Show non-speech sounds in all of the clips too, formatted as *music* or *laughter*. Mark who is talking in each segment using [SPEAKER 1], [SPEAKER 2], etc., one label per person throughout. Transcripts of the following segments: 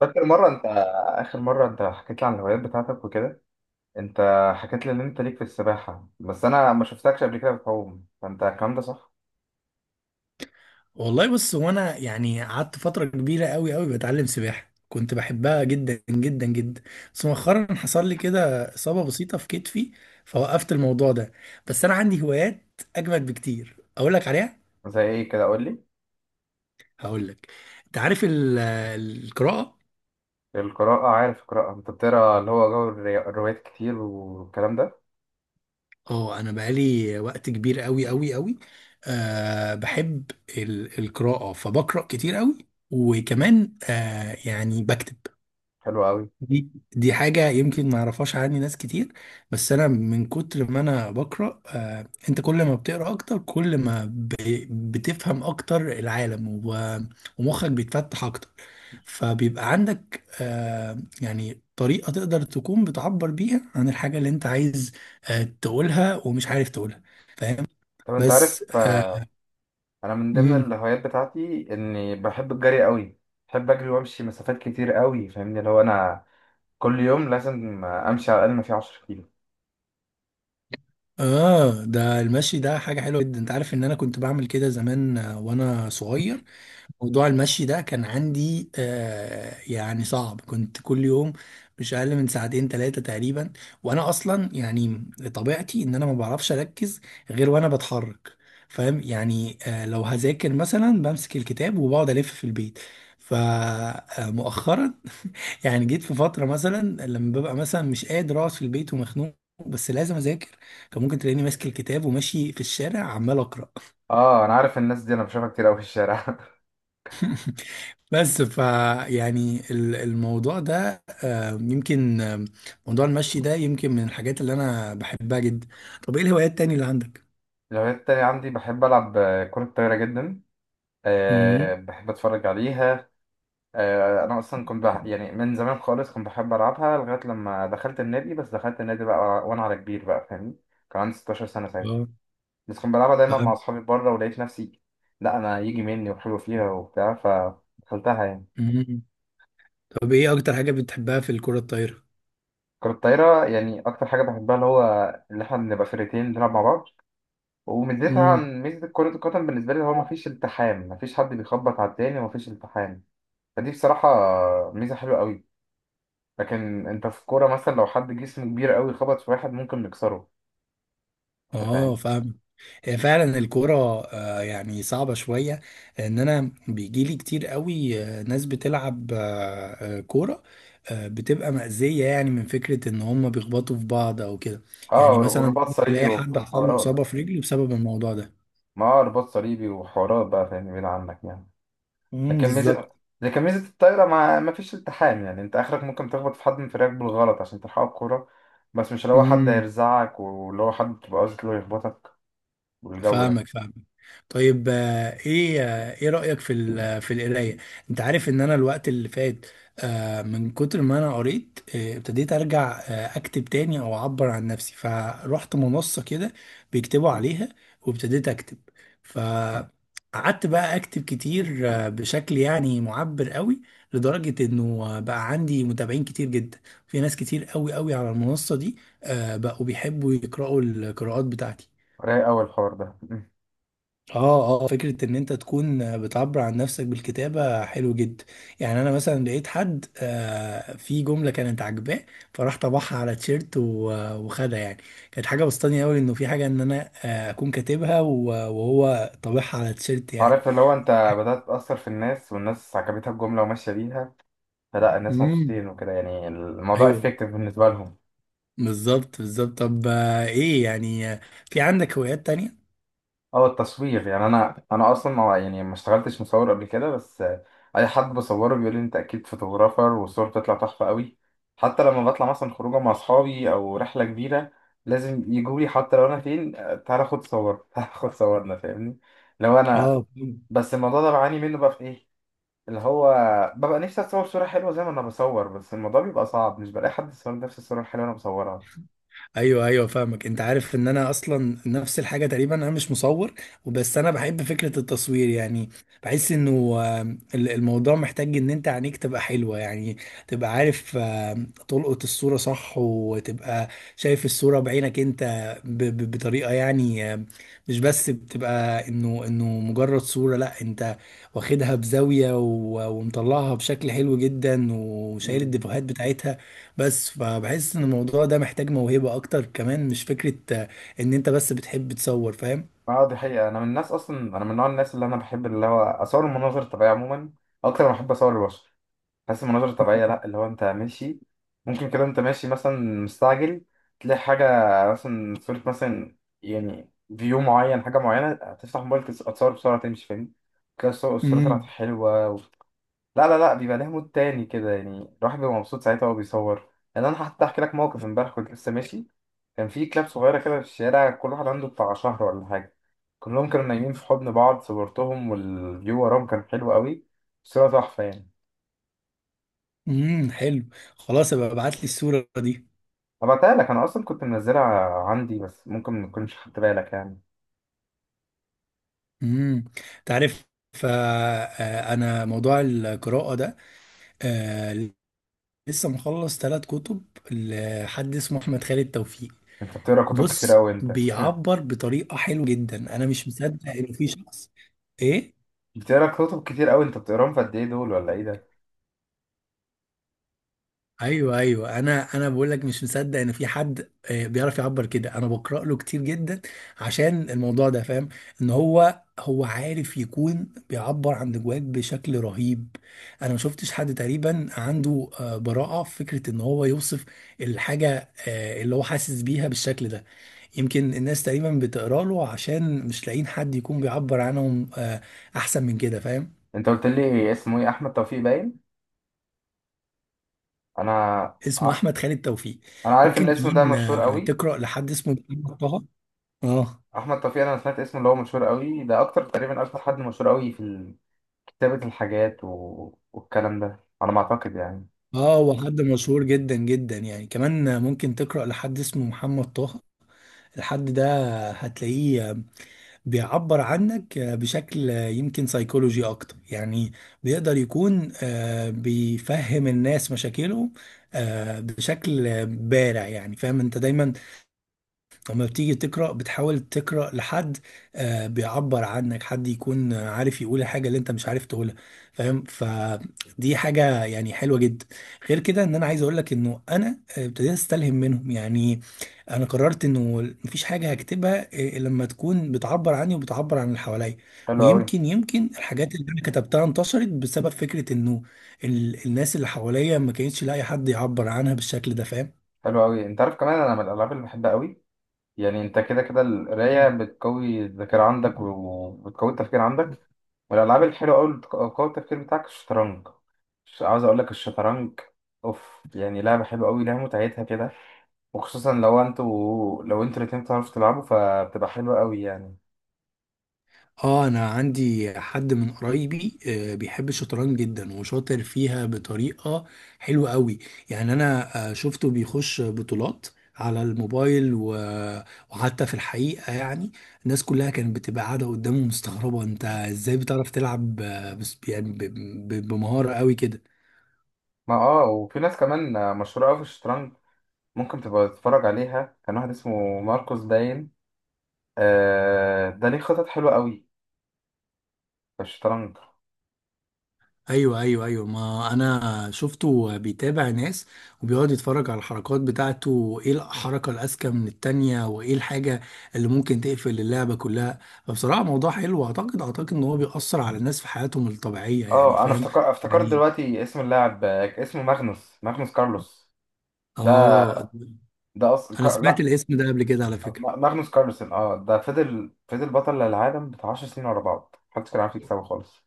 [SPEAKER 1] فاكر مرة أنت آخر مرة أنت حكيت لي عن الهوايات بتاعتك وكده أنت حكيت لي إن أنت ليك في السباحة، بس أنا ما شفتكش قبل كده بتعوم، فأنت الكلام ده صح؟
[SPEAKER 2] والله بص هو انا يعني قعدت فتره كبيره قوي قوي بتعلم سباحه، كنت بحبها جدا جدا جدا. بس مؤخرا حصل لي كده اصابه بسيطه في كتفي، فوقفت الموضوع ده. بس انا عندي هوايات اجمد بكتير اقول لك عليها.
[SPEAKER 1] زي إيه كده، قول لي.
[SPEAKER 2] هقول لك، انت عارف القراءه.
[SPEAKER 1] القراءة، عارف القراءة، أنت بتقرا اللي هو جو الروايات كتير والكلام ده.
[SPEAKER 2] اه انا بقالي وقت كبير قوي قوي قوي. أه بحب القراءه، فبقرا كتير قوي. وكمان أه يعني بكتب.
[SPEAKER 1] حلو قوي.
[SPEAKER 2] دي دي حاجة يمكن ما يعرفهاش عني ناس كتير. بس أنا من كتر ما أنا بقرأ أنت كل ما بتقرأ أكتر كل ما بتفهم أكتر العالم ومخك بيتفتح أكتر. فبيبقى عندك يعني طريقة تقدر تكون بتعبر بيها عن الحاجة اللي أنت عايز تقولها ومش عارف تقولها. فاهم؟
[SPEAKER 1] طب أنت
[SPEAKER 2] بس
[SPEAKER 1] عارف أنا من ضمن
[SPEAKER 2] مم.
[SPEAKER 1] الهوايات بتاعتي إني بحب الجري قوي. بحب أجري وأمشي مسافات كتير قوي، فاهمني؟ اللي هو أنا كل يوم لازم أمشي على الأقل ما فيه 10 كيلو.
[SPEAKER 2] آه، ده المشي ده حاجة حلوة جدا. أنت عارف إن أنا كنت بعمل كده زمان وأنا صغير. موضوع المشي ده كان عندي يعني صعب، كنت كل يوم مش اقل من 2 3 ساعات تقريبا. وانا اصلا يعني طبيعتي ان انا ما بعرفش اركز غير وانا بتحرك. فاهم؟ يعني لو هذاكر مثلا بمسك الكتاب وبقعد الف في البيت. فمؤخرا *laughs* يعني جيت في فتره مثلا لما ببقى مثلا مش قادر اقعد في البيت ومخنوق، بس لازم اذاكر. فممكن تلاقيني ماسك الكتاب وماشي في الشارع عمال اقرا.
[SPEAKER 1] اه، انا عارف، الناس دي انا بشوفها كتير قوي في الشارع *laughs*
[SPEAKER 2] بس يعني الموضوع ده آه، يمكن آه، موضوع المشي ده يمكن من الحاجات اللي انا بحبها جدا. طب ايه الهوايات التانية اللي عندك؟
[SPEAKER 1] الهوايات التانية عندي بحب ألعب كرة طايرة جدا. أه،
[SPEAKER 2] امم.
[SPEAKER 1] بحب أتفرج عليها. أه، أنا أصلا كنت بح... يعني من زمان خالص كنت بحب ألعبها لغاية لما دخلت النادي، بس دخلت النادي بقى وأنا على كبير بقى، فاهمني؟ كان عندي 16 سنة ساعتها.
[SPEAKER 2] اه،
[SPEAKER 1] بس كنت بلعبها دايما مع
[SPEAKER 2] فاهم.
[SPEAKER 1] أصحابي بره ولقيت نفسي، لا أنا يجي مني وحلو فيها وبتاع، فدخلتها يعني.
[SPEAKER 2] مم. طب ايه اكتر حاجة بتحبها في الكرة الطايرة؟
[SPEAKER 1] كرة الطايرة، يعني أكتر حاجة بحبها اللي هو اللي إحنا بنبقى فرقتين بنلعب مع بعض، وميزتها عن ميزة كرة القدم بالنسبة لي هو مفيش التحام، مفيش حد بيخبط على التاني ومفيش التحام. فدي بصراحة ميزة حلوة قوي. لكن انت في الكورة مثلا لو حد جسمه كبير قوي خبط في واحد ممكن يكسره. انت
[SPEAKER 2] اه،
[SPEAKER 1] فاهم؟
[SPEAKER 2] فاهم. هي فعلا الكورة يعني صعبة شوية. ان انا بيجيلي كتير قوي ناس بتلعب كورة بتبقى مأذية، يعني من فكرة ان هم بيخبطوا في بعض او كده.
[SPEAKER 1] اه اه،
[SPEAKER 2] يعني مثلا
[SPEAKER 1] ورباط صليبي
[SPEAKER 2] تلاقي حد
[SPEAKER 1] وبتاع
[SPEAKER 2] حصل له
[SPEAKER 1] حوارات.
[SPEAKER 2] إصابة في رجله بسبب الموضوع ده.
[SPEAKER 1] ما هو رباط صليبي وحوارات بقى، فاهم، بعيد عنك يعني.
[SPEAKER 2] امم،
[SPEAKER 1] لكن ميزة
[SPEAKER 2] بالظبط.
[SPEAKER 1] لكن ميزة الطايرة ما... ما فيش التحام. يعني انت اخرك ممكن تخبط في حد من فريقك بالغلط عشان تلحقه الكورة، بس مش اللي هو حد هيرزعك واللي هو حد تبقى قصدك اللي هو يخبطك والجو ده.
[SPEAKER 2] فاهمك فاهمك. طيب ايه ايه رأيك في في القراية؟ انت عارف ان انا الوقت اللي فات من كتر ما انا قريت ابتديت ارجع اكتب تاني او اعبر عن نفسي، فروحت منصة كده بيكتبوا عليها وابتديت اكتب. فقعدت بقى اكتب كتير بشكل يعني معبر قوي، لدرجة انه بقى عندي متابعين كتير جدا. في ناس كتير قوي قوي على المنصة دي بقوا بيحبوا يقرأوا القراءات بتاعتي.
[SPEAKER 1] رايق قوي الحوار ده *laughs*
[SPEAKER 2] اه اه، فكرة ان انت تكون بتعبر عن نفسك بالكتابة حلو جدا. يعني انا مثلا لقيت حد في جملة كانت عاجباه، فراح طبعها على تيشيرت وخدها يعني. كانت حاجة بسطاني قوي انه في حاجة ان انا اكون كاتبها وهو طابعها على تيشيرت يعني.
[SPEAKER 1] عارف اللي هو انت بدأت تأثر في الناس والناس عجبتها الجملة وماشية بيها، فلا الناس
[SPEAKER 2] امم،
[SPEAKER 1] مبسوطين وكده، يعني الموضوع
[SPEAKER 2] ايوه.
[SPEAKER 1] افكتيف بالنسبه لهم.
[SPEAKER 2] بالظبط بالظبط. طب ايه يعني في عندك هوايات تانية؟
[SPEAKER 1] اه، التصوير. يعني انا انا اصلا ما، يعني ما اشتغلتش مصور قبل كده، بس اي حد بصوره بيقول لي انت اكيد فوتوغرافر والصور بتطلع تحفه قوي. حتى لما بطلع مثلا خروجه مع اصحابي او رحله كبيره لازم يجوا لي حتى لو انا فين، تعالى خد صور *laughs* تعالى خد صورنا، فاهمني؟ لو انا،
[SPEAKER 2] اه،
[SPEAKER 1] بس الموضوع ده بعاني منه بقى في ايه، اللي هو ببقى نفسي اتصور صوره حلوه زي ما انا بصور، بس الموضوع بيبقى صعب، مش بلاقي حد يصور نفس الصوره الحلوه اللي انا بصورها.
[SPEAKER 2] ايوه ايوه فاهمك. انت عارف ان انا اصلا نفس الحاجه تقريبا. انا مش مصور، وبس انا بحب فكره التصوير يعني. بحس انه آه، الموضوع محتاج ان انت عينيك تبقى حلوه يعني، تبقى عارف تلقط الصوره صح، وتبقى شايف الصوره بعينك انت بطريقه يعني مش بس بتبقى انه مجرد صوره. لا انت واخدها بزاويه ومطلعها بشكل حلو جدا وشايل الديفوهات بتاعتها. بس فبحس ان الموضوع ده محتاج موهبة اكتر كمان، مش فكرة ان انت بس بتحب تصور. فاهم؟
[SPEAKER 1] اه دي حقيقة، أنا من الناس، أصلا أنا من نوع الناس اللي أنا بحب اللي هو أصور المناظر الطبيعية عموما أكتر ما بحب أصور البشر. بحس المناظر الطبيعية لأ، اللي هو أنت ماشي، ممكن كده أنت ماشي مثلا مستعجل تلاقي حاجة، مثلا صورة مثلا، يعني فيو معين، حاجة معينة، تفتح موبايلك تصور بسرعة تمشي، فاهم؟ كده الصورة طلعت
[SPEAKER 2] امم.
[SPEAKER 1] حلوة. لا لا لا، بيبقى ليه مود تاني كده، يعني الواحد بيبقى مبسوط ساعتها وهو بيصور. يعني انا حتى احكي لك موقف امبارح، كنت لسه ماشي، كان في كلاب صغيره كده في الشارع، كل واحد عنده بتاع شهر ولا حاجه، كلهم كانوا نايمين في حضن بعض، صورتهم والفيو وراهم كان حلو قوي. صورة تحفه يعني.
[SPEAKER 2] امم، حلو. خلاص، ابقى ابعت لي الصورة دي.
[SPEAKER 1] هبعتها لك، انا اصلا كنت منزلها عندي، بس ممكن ما تكونش خدت بالك يعني.
[SPEAKER 2] امم. تعرف، فانا موضوع القراءة ده آه، لسه مخلص 3 كتب لحد اسمه احمد خالد توفيق.
[SPEAKER 1] انت بتقرا كتب كتير
[SPEAKER 2] بص
[SPEAKER 1] قوي انت *laughs*
[SPEAKER 2] بيعبر بطريقة حلوة جدا، انا مش مصدق ان في شخص. ايه؟
[SPEAKER 1] بتقرا كتب كتير قوي انت، بتقراهم في قد ايه دول ولا ايه ده؟
[SPEAKER 2] ايوه ايوه، انا بقول لك مش مصدق ان في حد بيعرف يعبر كده. انا بقرا له كتير جدا عشان الموضوع ده فاهم. ان هو عارف يكون بيعبر عن جواك بشكل رهيب. انا ما شفتش حد تقريبا عنده براءة في فكرة ان هو يوصف الحاجة اللي هو حاسس بيها بالشكل ده. يمكن الناس تقريبا بتقرا له عشان مش لاقيين حد يكون بيعبر عنهم احسن من كده. فاهم؟
[SPEAKER 1] انت قلت لي اسمه ايه؟ احمد توفيق باين. انا،
[SPEAKER 2] اسمه
[SPEAKER 1] ع-،
[SPEAKER 2] احمد خالد توفيق.
[SPEAKER 1] انا عارف ان
[SPEAKER 2] ممكن
[SPEAKER 1] الاسم ده
[SPEAKER 2] كمان
[SPEAKER 1] مشهور قوي.
[SPEAKER 2] تقرا لحد اسمه محمد طه. اه
[SPEAKER 1] احمد توفيق، انا سمعت اسمه، اللي هو مشهور قوي ده، اكتر تقريبا اكتر حد مشهور قوي في كتابة الحاجات و... والكلام ده على ما اعتقد يعني.
[SPEAKER 2] اه، هو حد مشهور جدا جدا. يعني كمان ممكن تقرأ لحد اسمه محمد طه. الحد ده هتلاقيه بيعبر عنك بشكل يمكن سيكولوجي اكتر يعني. بيقدر يكون بيفهم الناس مشاكلهم بشكل بارع يعني. فاهم؟ انت دايما لما بتيجي تقرأ بتحاول تقرأ لحد بيعبر عنك، حد يكون عارف يقول الحاجة اللي انت مش عارف تقولها. فاهم؟ فدي حاجة يعني حلوة جدا. غير كده ان انا عايز اقول لك انه انا ابتديت استلهم منهم يعني. انا قررت انه مفيش حاجة هكتبها لما تكون بتعبر عني وبتعبر عن اللي حواليا.
[SPEAKER 1] حلو قوي.
[SPEAKER 2] ويمكن الحاجات اللي انا كتبتها انتشرت بسبب فكرة انه الناس اللي حواليا ما كانتش لاقي حد يعبر عنها بالشكل ده. فاهم؟
[SPEAKER 1] حلو قوي. انت عارف كمان انا من الالعاب اللي بحبها قوي؟ يعني انت كده كده القراية بتقوي الذاكرة عندك وبتقوي التفكير عندك. والالعاب الحلوة قوي اللي بتقوي التفكير بتاعك الشطرنج. مش عاوز اقول لك الشطرنج اوف، يعني لعبة حلوة قوي، لها متعتها كده. وخصوصا لو انتوا، لو انتوا الاتنين بتعرفوا تلعبوا، فبتبقى حلوة قوي يعني.
[SPEAKER 2] اه، انا عندي حد من قرايبي بيحب الشطرنج جدا وشاطر فيها بطريقة حلوة قوي. يعني انا شفته بيخش بطولات على الموبايل وحتى في الحقيقة يعني الناس كلها كانت بتبقى قاعدة قدامه مستغربة انت ازاي بتعرف تلعب بس يعني بمهارة قوي كده.
[SPEAKER 1] ما اه، وفي ناس كمان مشهورة أوي في الشطرنج ممكن تبقى تتفرج عليها. كان واحد اسمه ماركوس باين، آه ده ليه خطط حلوة أوي في الشطرنج.
[SPEAKER 2] ايوه ايوه ايوه، ما انا شفته بيتابع ناس وبيقعد يتفرج على الحركات بتاعته، وايه الحركه الاذكى من التانية وايه الحاجه اللي ممكن تقفل اللعبه كلها. فبصراحه موضوع حلو، واعتقد ان هو بيأثر على الناس في حياتهم الطبيعيه يعني.
[SPEAKER 1] اه أنا
[SPEAKER 2] فاهم؟
[SPEAKER 1] افتكر، افتكرت
[SPEAKER 2] يعني
[SPEAKER 1] دلوقتي اسم اللاعب، اسمه ماغنوس، ماغنوس كارلوس. ده
[SPEAKER 2] اه،
[SPEAKER 1] ده أصلا
[SPEAKER 2] انا
[SPEAKER 1] كار...
[SPEAKER 2] سمعت
[SPEAKER 1] لا،
[SPEAKER 2] الاسم ده قبل كده على فكره.
[SPEAKER 1] ماغنوس كارلسن، اه ده فضل، فضل بطل العالم بتاع 10 سنين ورا بعض، محدش كان عارف يكسبه خالص.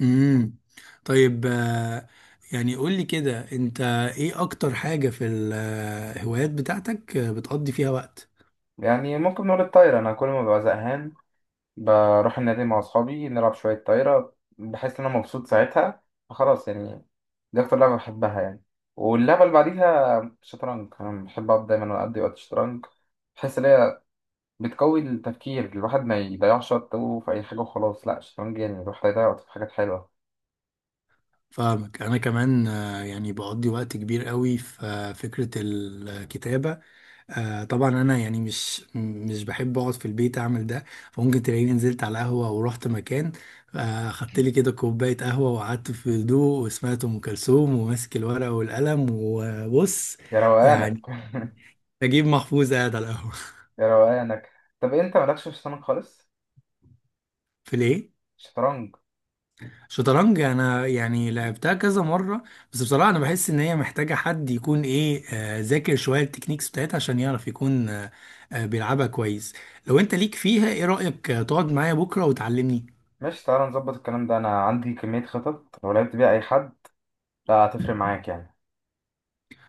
[SPEAKER 2] امم. طيب يعني قول لي كده انت، ايه اكتر حاجه في الهوايات بتاعتك بتقضي فيها وقت؟
[SPEAKER 1] يعني ممكن نقول الطاير. أنا كل ما ببقى زهقان بروح النادي مع أصحابي نلعب شوية طايرة، بحس إن أنا مبسوط ساعتها، فخلاص يعني. دي أكتر لعبة بحبها يعني. واللعبة اللي بعديها شطرنج، أنا بحب أقعد دايما أقضي وقت شطرنج. بحس إن هي بتقوي التفكير، الواحد ما يضيعش وقته في أي حاجة وخلاص، لأ الشطرنج يعني الواحد هيضيع وقته في حاجات حلوة.
[SPEAKER 2] فاهمك. انا كمان يعني بقضي وقت كبير قوي في فكرة الكتابة. طبعا انا يعني مش بحب اقعد في البيت اعمل ده، فممكن تلاقيني نزلت على قهوة ورحت مكان خدت لي كده كوباية قهوة وقعدت في هدوء، وسمعت ام كلثوم وماسك الورقة والقلم. وبص
[SPEAKER 1] يا روقانك
[SPEAKER 2] يعني،
[SPEAKER 1] *laughs*
[SPEAKER 2] نجيب محفوظ قاعد على القهوة.
[SPEAKER 1] يا روقانك. طب أنت مالكش في الشطرنج خالص؟
[SPEAKER 2] *laughs* في ليه؟
[SPEAKER 1] شطرنج.
[SPEAKER 2] شطرنج، انا يعني لعبتها كذا مره. بس بصراحه انا بحس ان هي محتاجه حد يكون ايه ذاكر شويه التكنيكس بتاعتها عشان يعرف يكون بيلعبها كويس. لو انت ليك فيها، ايه رايك تقعد معايا بكره وتعلمني؟
[SPEAKER 1] ماشي تعالى نظبط الكلام ده، أنا عندي كمية خطط لو لعبت بيها أي حد لا هتفرق معاك يعني.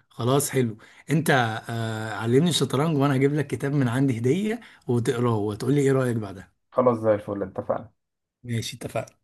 [SPEAKER 2] خلاص، حلو. انت علمني الشطرنج، وانا هجيب لك كتاب من عندي هديه وتقراه وتقول لي ايه رايك بعدها.
[SPEAKER 1] خلاص زي الفل اتفقنا.
[SPEAKER 2] ماشي، اتفقنا.